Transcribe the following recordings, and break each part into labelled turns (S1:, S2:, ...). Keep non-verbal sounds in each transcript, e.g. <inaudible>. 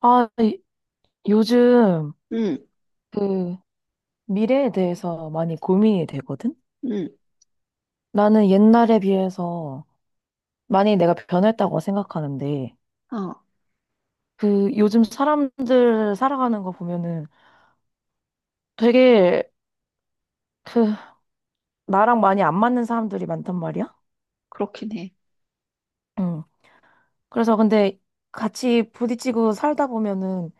S1: 아, 요즘
S2: 응,
S1: 그 미래에 대해서 많이 고민이 되거든?
S2: 응,
S1: 나는 옛날에 비해서 많이 내가 변했다고 생각하는데,
S2: 어,
S1: 그 요즘 사람들 살아가는 거 보면은 되게 그 나랑 많이 안 맞는 사람들이 많단 말이야?
S2: 그렇긴 해.
S1: 응. 그래서 근데 같이 부딪히고 살다 보면은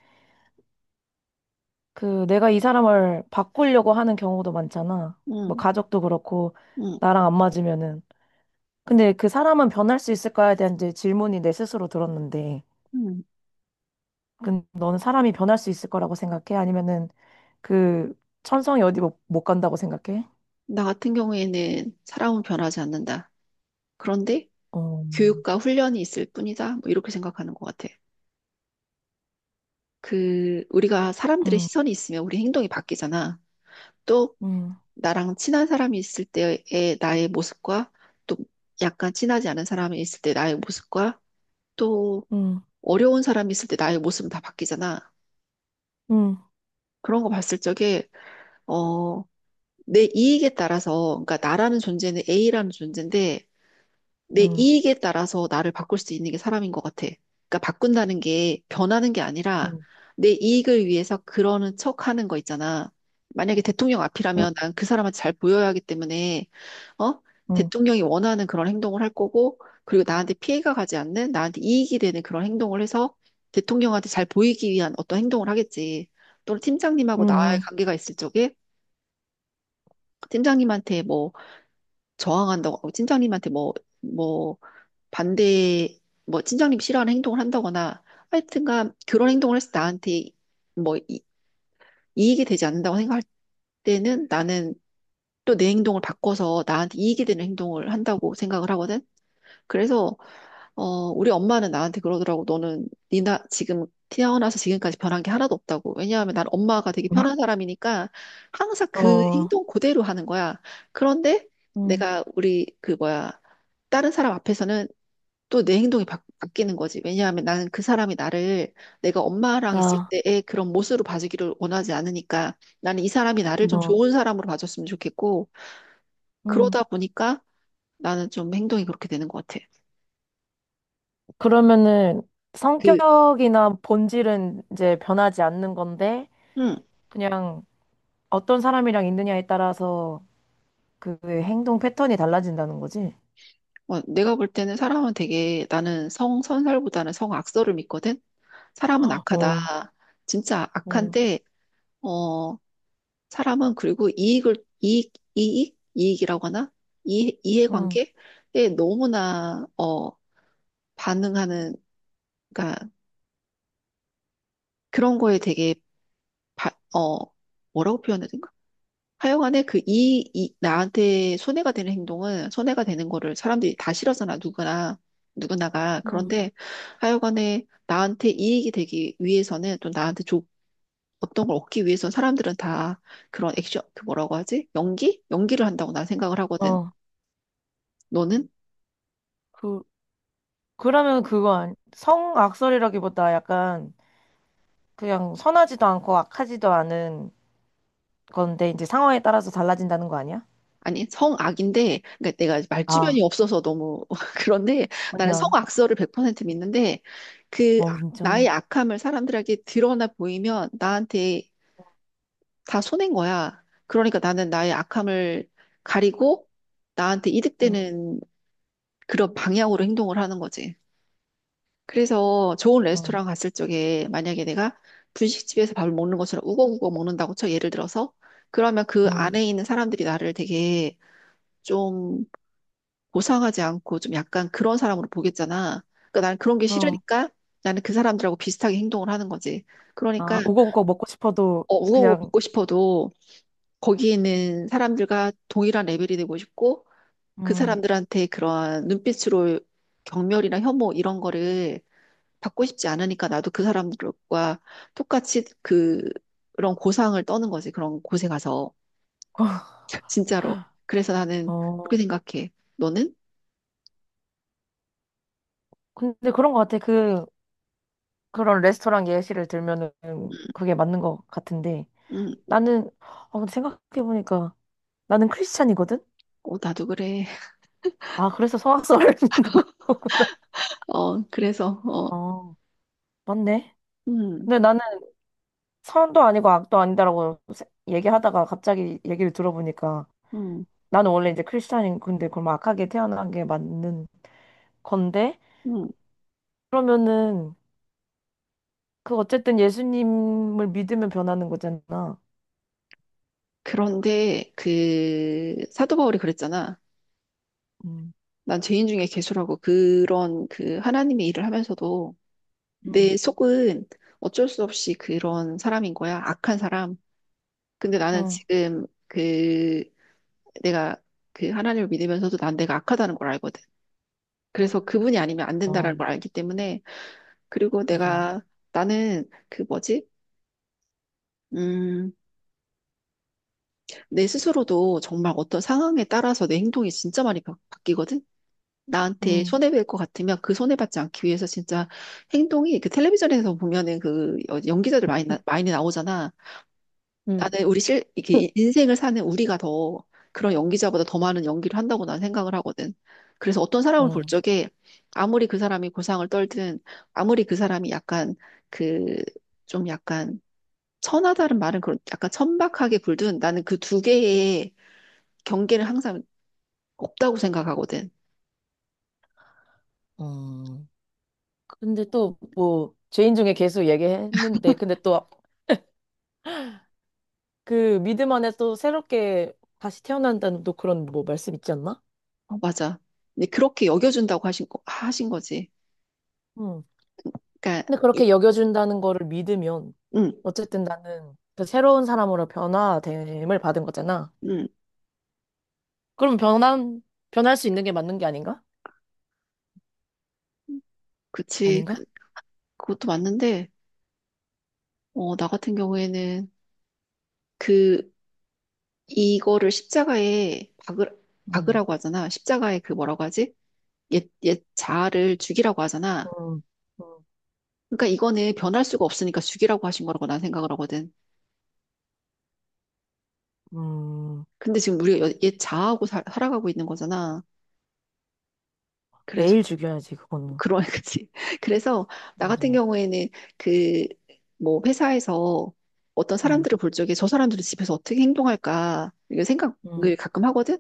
S1: 그 내가 이 사람을 바꾸려고 하는 경우도 많잖아. 뭐
S2: 응,
S1: 가족도 그렇고
S2: 응,
S1: 나랑 안 맞으면은. 근데 그 사람은 변할 수 있을까에 대한 이제 질문이 내 스스로 들었는데,
S2: 응.
S1: 근 너는 사람이 변할 수 있을 거라고 생각해? 아니면은 그 천성이 어디 못, 못 간다고 생각해?
S2: 나 같은 경우에는 사람은 변하지 않는다. 그런데
S1: 어,
S2: 교육과 훈련이 있을 뿐이다. 뭐 이렇게 생각하는 것 같아. 우리가 사람들의
S1: 음,
S2: 시선이 있으면 우리 행동이 바뀌잖아. 또,
S1: 음, 음,
S2: 나랑 친한 사람이 있을 때의 나의 모습과 또 약간 친하지 않은 사람이 있을 때 나의 모습과 또 어려운 사람이 있을 때 나의 모습은 다 바뀌잖아.
S1: 음, 음,
S2: 그런 거 봤을 적에, 어, 내 이익에 따라서, 그러니까 나라는 존재는 A라는 존재인데, 내 이익에 따라서 나를 바꿀 수 있는 게 사람인 것 같아. 그러니까 바꾼다는 게 변하는 게
S1: 음,
S2: 아니라,
S1: 음,
S2: 내 이익을 위해서 그러는 척 하는 거 있잖아. 만약에 대통령 앞이라면 난 그 사람한테 잘 보여야 하기 때문에, 어?
S1: 음,
S2: 대통령이 원하는 그런 행동을 할 거고, 그리고 나한테 피해가 가지 않는, 나한테 이익이 되는 그런 행동을 해서 대통령한테 잘 보이기 위한 어떤 행동을 하겠지. 또는 팀장님하고 나와의
S1: 음,
S2: 관계가 있을 적에, 팀장님한테 뭐, 저항한다고 하고 팀장님한테 뭐, 뭐, 반대, 뭐, 팀장님이 싫어하는 행동을 한다거나 하여튼간 그런 행동을 해서 나한테 뭐 이익이 되지 않는다고 생각할 때는 나는 또 내 행동을 바꿔서 나한테 이익이 되는 행동을 한다고 생각을 하거든. 그래서 우리 엄마는 나한테 그러더라고. 너는 니나 지금 태어나서 지금까지 변한 게 하나도 없다고. 왜냐하면 난 엄마가 되게 편한 사람이니까 항상 그
S1: 어,
S2: 행동 그대로 하는 거야. 그런데
S1: 음,
S2: 내가 우리 그 뭐야 다른 사람 앞에서는 또 내 행동이 뀌는 거지. 왜냐하면 나는 그 사람이 나를 내가 엄마랑 있을
S1: 아,
S2: 때의 그런 모습으로 봐주기를 원하지 않으니까 나는 이 사람이 나를 좀
S1: 뭐,
S2: 좋은 사람으로 봐줬으면 좋겠고
S1: 음.
S2: 그러다 보니까 나는 좀 행동이 그렇게 되는 것 같아.
S1: 그러면은
S2: 그,
S1: 성격이나 본질은 이제 변하지 않는 건데,
S2: 음.
S1: 그냥 어떤 사람이랑 있느냐에 따라서 그 행동 패턴이 달라진다는 거지?
S2: 어, 내가 볼 때는 사람은 되게 나는 성선설보다는 성악설을 믿거든. 사람은 악하다.
S1: 어,
S2: 진짜
S1: 어,
S2: 악한데 어 사람은 그리고 이익을 이익 이익 이익이라고 하나? 이
S1: 응,
S2: 이해관계에 너무나 어 반응하는 그러니까 그런 거에 되게 바, 어 뭐라고 표현해야 되지? 하여간에 그 나한테 손해가 되는 행동은 손해가 되는 거를 사람들이 다 싫어하잖아, 누구나, 누구나가.
S1: 응.
S2: 그런데 하여간에 나한테 이익이 되기 위해서는 또 나한테 어떤 걸 얻기 위해서 사람들은 다 그런 액션, 그 뭐라고 하지? 연기를 한다고 난 생각을 하거든.
S1: 어.
S2: 너는?
S1: 그, 그러면 그거 아니, 성악설이라기보다 약간 그냥 선하지도 않고 악하지도 않은 건데 이제 상황에 따라서 달라진다는 거 아니야?
S2: 아니, 성악인데, 그러니까 내가
S1: 아,
S2: 말주변이 없어서 너무 <laughs> 그런데 나는
S1: 아니야.
S2: 성악설을 100% 믿는데 그
S1: 어,
S2: 나의
S1: 진짜.
S2: 악함을 사람들에게 드러나 보이면 나한테 다 손해인 거야. 그러니까 나는 나의 악함을 가리고 나한테
S1: 응,
S2: 이득되는 그런 방향으로 행동을 하는 거지. 그래서 좋은
S1: 어,
S2: 레스토랑 갔을 적에 만약에 내가 분식집에서 밥을 먹는 것처럼 우거우거 먹는다고 쳐 예를 들어서 그러면 그
S1: 응.
S2: 안에 있는 사람들이 나를 되게 좀 고상하지 않고 좀 약간 그런 사람으로 보겠잖아. 그러니까 나는 그런 게
S1: 어,
S2: 싫으니까 나는 그 사람들하고 비슷하게 행동을 하는 거지. 그러니까
S1: 아, 우거우거 먹고 싶어도
S2: 우거우거
S1: 그냥,
S2: 먹고 싶어도 거기에 있는 사람들과 동일한 레벨이 되고 싶고 그
S1: 음.
S2: 사람들한테 그러한 눈빛으로 경멸이나 혐오 이런 거를 받고 싶지 않으니까 나도 그 사람들과 똑같이 그 그런 고상을 떠는 거지. 그런 곳에 가서
S1: <laughs>
S2: <laughs> 진짜로. 그래서 나는
S1: 어,
S2: 그렇게 생각해. 너는?
S1: 근데 그런 거 같아. 그런 레스토랑 예시를 들면은
S2: 음,
S1: 그게 맞는 것 같은데.
S2: 음,
S1: 나는, 아, 근데 생각해보니까 나는 크리스찬이거든?
S2: 어, 나도 그래. <laughs>
S1: 아, 그래서 성악설을 <laughs> 믿는 거고.
S2: 어, 그래서
S1: 아,
S2: 어,
S1: <laughs> 맞네.
S2: 음,
S1: 근데 나는 선도 아니고 악도 아니다라고 얘기하다가 갑자기 얘기를 들어보니까
S2: 음,
S1: 나는 원래 이제 크리스찬인 근데 그럼 악하게 태어난 게 맞는 건데
S2: 음.
S1: 그러면은 그 어쨌든 예수님을 믿으면 변하는 거잖아.
S2: 그런데 그 사도 바울이 그랬잖아.
S1: 음,
S2: 난 죄인 중에 괴수라고 그런 그 하나님의 일을 하면서도
S1: 응,
S2: 내 속은 어쩔 수 없이 그런 사람인 거야. 악한 사람. 근데 나는
S1: 응,
S2: 지금 그 내가 그 하나님을 믿으면서도 난 내가 악하다는 걸 알거든. 그래서 그분이 아니면 안 된다라는 걸
S1: 아,
S2: 알기 때문에 그리고
S1: 맞아.
S2: 내가 나는 그 뭐지? 음, 내 스스로도 정말 어떤 상황에 따라서 내 행동이 진짜 많이 바뀌거든. 나한테
S1: 응,
S2: 손해볼 것 같으면 그 손해받지 않기 위해서 진짜 행동이 그 텔레비전에서 보면은 그 연기자들 많이, 많이 나오잖아.
S1: 음.
S2: 나는 우리 이게 인생을 사는 우리가 더 그런 연기자보다 더 많은 연기를 한다고 난 생각을 하거든. 그래서 어떤
S1: 음.
S2: 사람을 볼
S1: 음.
S2: 적에 아무리 그 사람이 고상을 떨든 아무리 그 사람이 약간 그 좀 약간 천하다는 말은 그런 약간 천박하게 굴든 나는 그 두 개의 경계는 항상 없다고 생각하거든.
S1: <laughs> 근데 또 뭐 죄인 중에 계속 얘기했는데 근데 또 그 믿음 안에 또 새롭게 다시 태어난다는 또 그런 뭐 말씀 있지 않나?
S2: 어, 맞아. 근데 그렇게 여겨준다고 하신 하신 거지.
S1: 응.
S2: 그러니까,
S1: 근데
S2: 이-
S1: 그렇게 여겨준다는 거를 믿으면
S2: 응,
S1: 어쨌든 나는 그 새로운 사람으로 변화됨을 받은 거잖아.
S2: 응,
S1: 그럼 변한 변할 수 있는 게 맞는 게 아닌가?
S2: 그치.
S1: 아닌가?
S2: 그, 그것도 맞는데, 나 같은 경우에는 그, 이거를 십자가에
S1: 음,
S2: 박으라고 하잖아. 십자가에 그 뭐라고 하지? 옛 자아를 죽이라고 하잖아.
S1: 음, 음,
S2: 그러니까 이거는 변할 수가 없으니까 죽이라고 하신 거라고 난 생각을 하거든.
S1: 음.
S2: 근데 지금 우리가 여- 옛 자아하고 아가고 있는 거잖아.
S1: 매일 죽여야지 그거는.
S2: 그런 <laughs> 거지. 그래서 나 같은
S1: 맞아.
S2: 경우에는 그 뭐 회사에서 어떤
S1: 응,
S2: 사람들을 볼 적에 저 사람들은 집에서 어떻게 행동할까 이런
S1: 응,
S2: 생각을 가끔 하거든.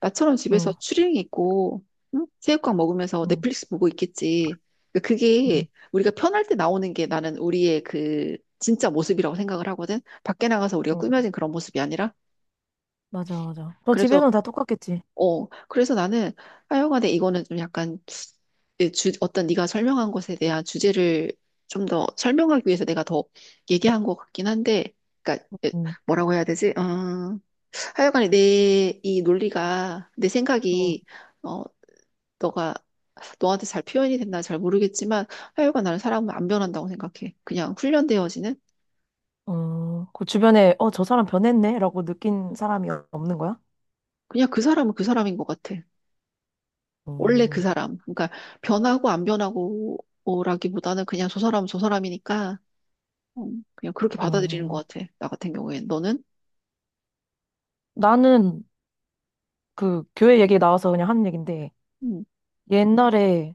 S2: 나처럼 집에서
S1: 응,
S2: 추리닝 입고 응? 새우깡 먹으면서
S1: 응,
S2: 넷플릭스 보고 있겠지. 그러니까 그게 우리가 편할 때 나오는 게 나는 우리의 그 진짜 모습이라고 생각을 하거든. 밖에 나가서 우리가
S1: 응.
S2: 꾸며진 그런 모습이 아니라.
S1: 맞아, 맞아. 너
S2: 그래서
S1: 집에서는 다 똑같겠지.
S2: 어 그래서 나는 하여간에 이거는 좀 약간 어떤 네가 설명한 것에 대한 주제를 좀 더 설명하기 위해서 내가 더 얘기한 것 같긴 한데, 그러니까 예,
S1: 응,
S2: 뭐라고 해야 되지? 하여간에 내 이 논리가 내 생각이 어, 너가 너한테 잘 표현이 됐나 잘 모르겠지만 하여간 나는 사람은 안 변한다고 생각해. 그냥 훈련되어지는
S1: 어, 그 주변에, 어, 저 사람 변했네? 라고 느낀 사람이 없는 거야?
S2: 그냥 그 사람은 그 사람인 것 같아. 원래 그
S1: 어,
S2: 사람. 그러니까 변하고 안 변하고라기보다는 그냥 저 사람은 저 사람이니까 그냥 그렇게 받아들이는
S1: 어,
S2: 것 같아. 나 같은 경우엔 너는?
S1: 나는 그 교회 얘기 나와서 그냥 하는 얘긴데,
S2: 음,
S1: 옛날에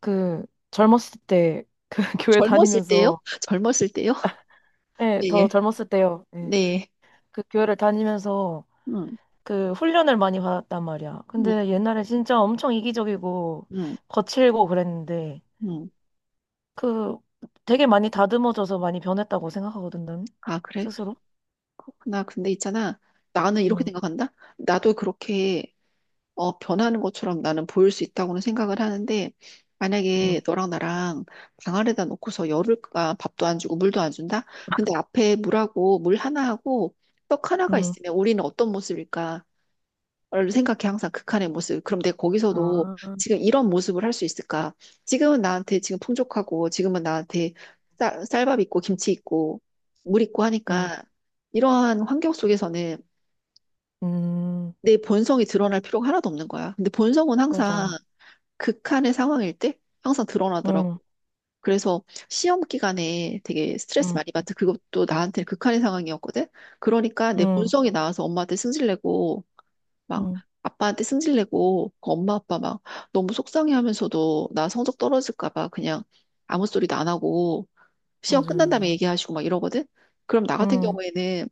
S1: 그 젊었을 때, 그 <laughs> 교회
S2: 젊었을 때요?
S1: 다니면서,
S2: <laughs> 젊었을 때요? <laughs>
S1: 예, 더
S2: 네,
S1: 젊었을 때요. 예,
S2: 네.
S1: 그 교회를 다니면서
S2: 음,
S1: 그 훈련을 많이 받았단 말이야.
S2: 음,
S1: 근데 옛날에 진짜 엄청 이기적이고
S2: 음,
S1: 거칠고 그랬는데,
S2: 음.
S1: 그 되게 많이 다듬어져서 많이 변했다고 생각하거든, 난
S2: 아, 그래?
S1: 스스로.
S2: 그렇구나. 근데 있잖아. 나는 이렇게
S1: 응,
S2: 생각한다. 나도 그렇게 변하는 것처럼 나는 보일 수 있다고는 생각을 하는데,
S1: 응,
S2: 만약에 너랑 나랑 방 안에다 놓고서 열흘간 밥도 안 주고 물도 안 준다? 근데 앞에 물하고 물 하나하고 떡 하나가
S1: 응.
S2: 있으면 우리는 어떤 모습일까? 얼른 생각해 항상 극한의 모습. 그럼 내가 거기서도
S1: 아,
S2: 지금 이런 모습을 할 수 있을까? 지금은 나한테 지금 풍족하고 지금은 나한테 쌀밥 있고 김치 있고 물 있고
S1: 응,
S2: 하니까 이러한 환경 속에서는
S1: 음,
S2: 내 본성이 드러날 필요가 하나도 없는 거야. 근데 본성은 항상
S1: 맞아.
S2: 극한의 상황일 때 항상 드러나더라고.
S1: 응,
S2: 그래서 시험 기간에 되게 스트레스
S1: 응,
S2: 많이 받아. 그것도 나한테 극한의 상황이었거든. 그러니까 내
S1: 응,
S2: 본성이 나와서 엄마한테 승질내고 막
S1: 응,
S2: 아빠한테 승질내고 그 엄마 아빠 막 너무 속상해하면서도 나 성적 떨어질까 봐 그냥 아무 소리도 안 하고 시험 끝난 다음에
S1: 맞아.
S2: 얘기하시고 막 이러거든. 그럼 나 같은
S1: 응,
S2: 경우에는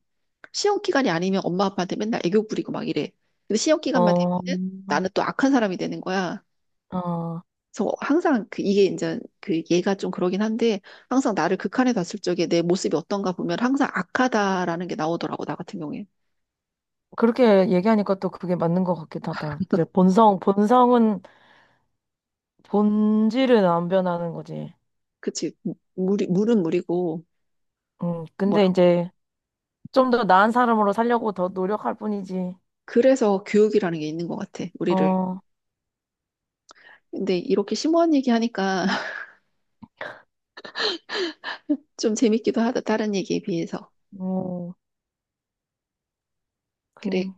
S2: 시험 기간이 아니면 엄마 아빠한테 맨날 애교 부리고 막 이래. 근데 시험 기간만
S1: 어,
S2: 되면은 나는 또 악한 사람이 되는 거야.
S1: 어,
S2: 그래서 항상 그 이게 이제 그 얘가 좀 그러긴 한데 항상 나를 극한에 뒀을 적에 내 모습이 어떤가 보면 항상 악하다라는 게 나오더라고 나 같은 경우에.
S1: 그렇게 얘기하니까 또 그게 맞는 것 같기도 하다. 이제 본성은, 본질은 안 변하는 거지.
S2: 그치 물이 물은 물이고
S1: 응, 근데
S2: 뭐라고?
S1: 이제 좀 더 나은 사람으로 살려고 더 노력할 뿐이지.
S2: 그래서 교육이라는 게 있는 것 같아, 우리를.
S1: 어,
S2: 근데 이렇게 심오한 얘기 하니까 <laughs> 좀 재밌기도 하다, 다른 얘기에 비해서.
S1: 어,
S2: 그래,
S1: 그,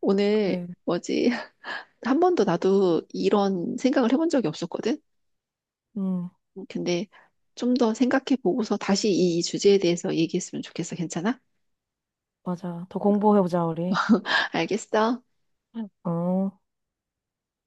S2: 오늘
S1: 그래.
S2: 뭐지? <laughs> 한 번도 나도 이런 생각을 해본 적이 없었거든?
S1: 응,
S2: 근데 좀 더 생각해 보고서 다시 이 주제에 대해서 얘기했으면 좋겠어. 괜찮아?
S1: 맞아. 더 공부해보자, 우리.
S2: 알겠어.
S1: 어.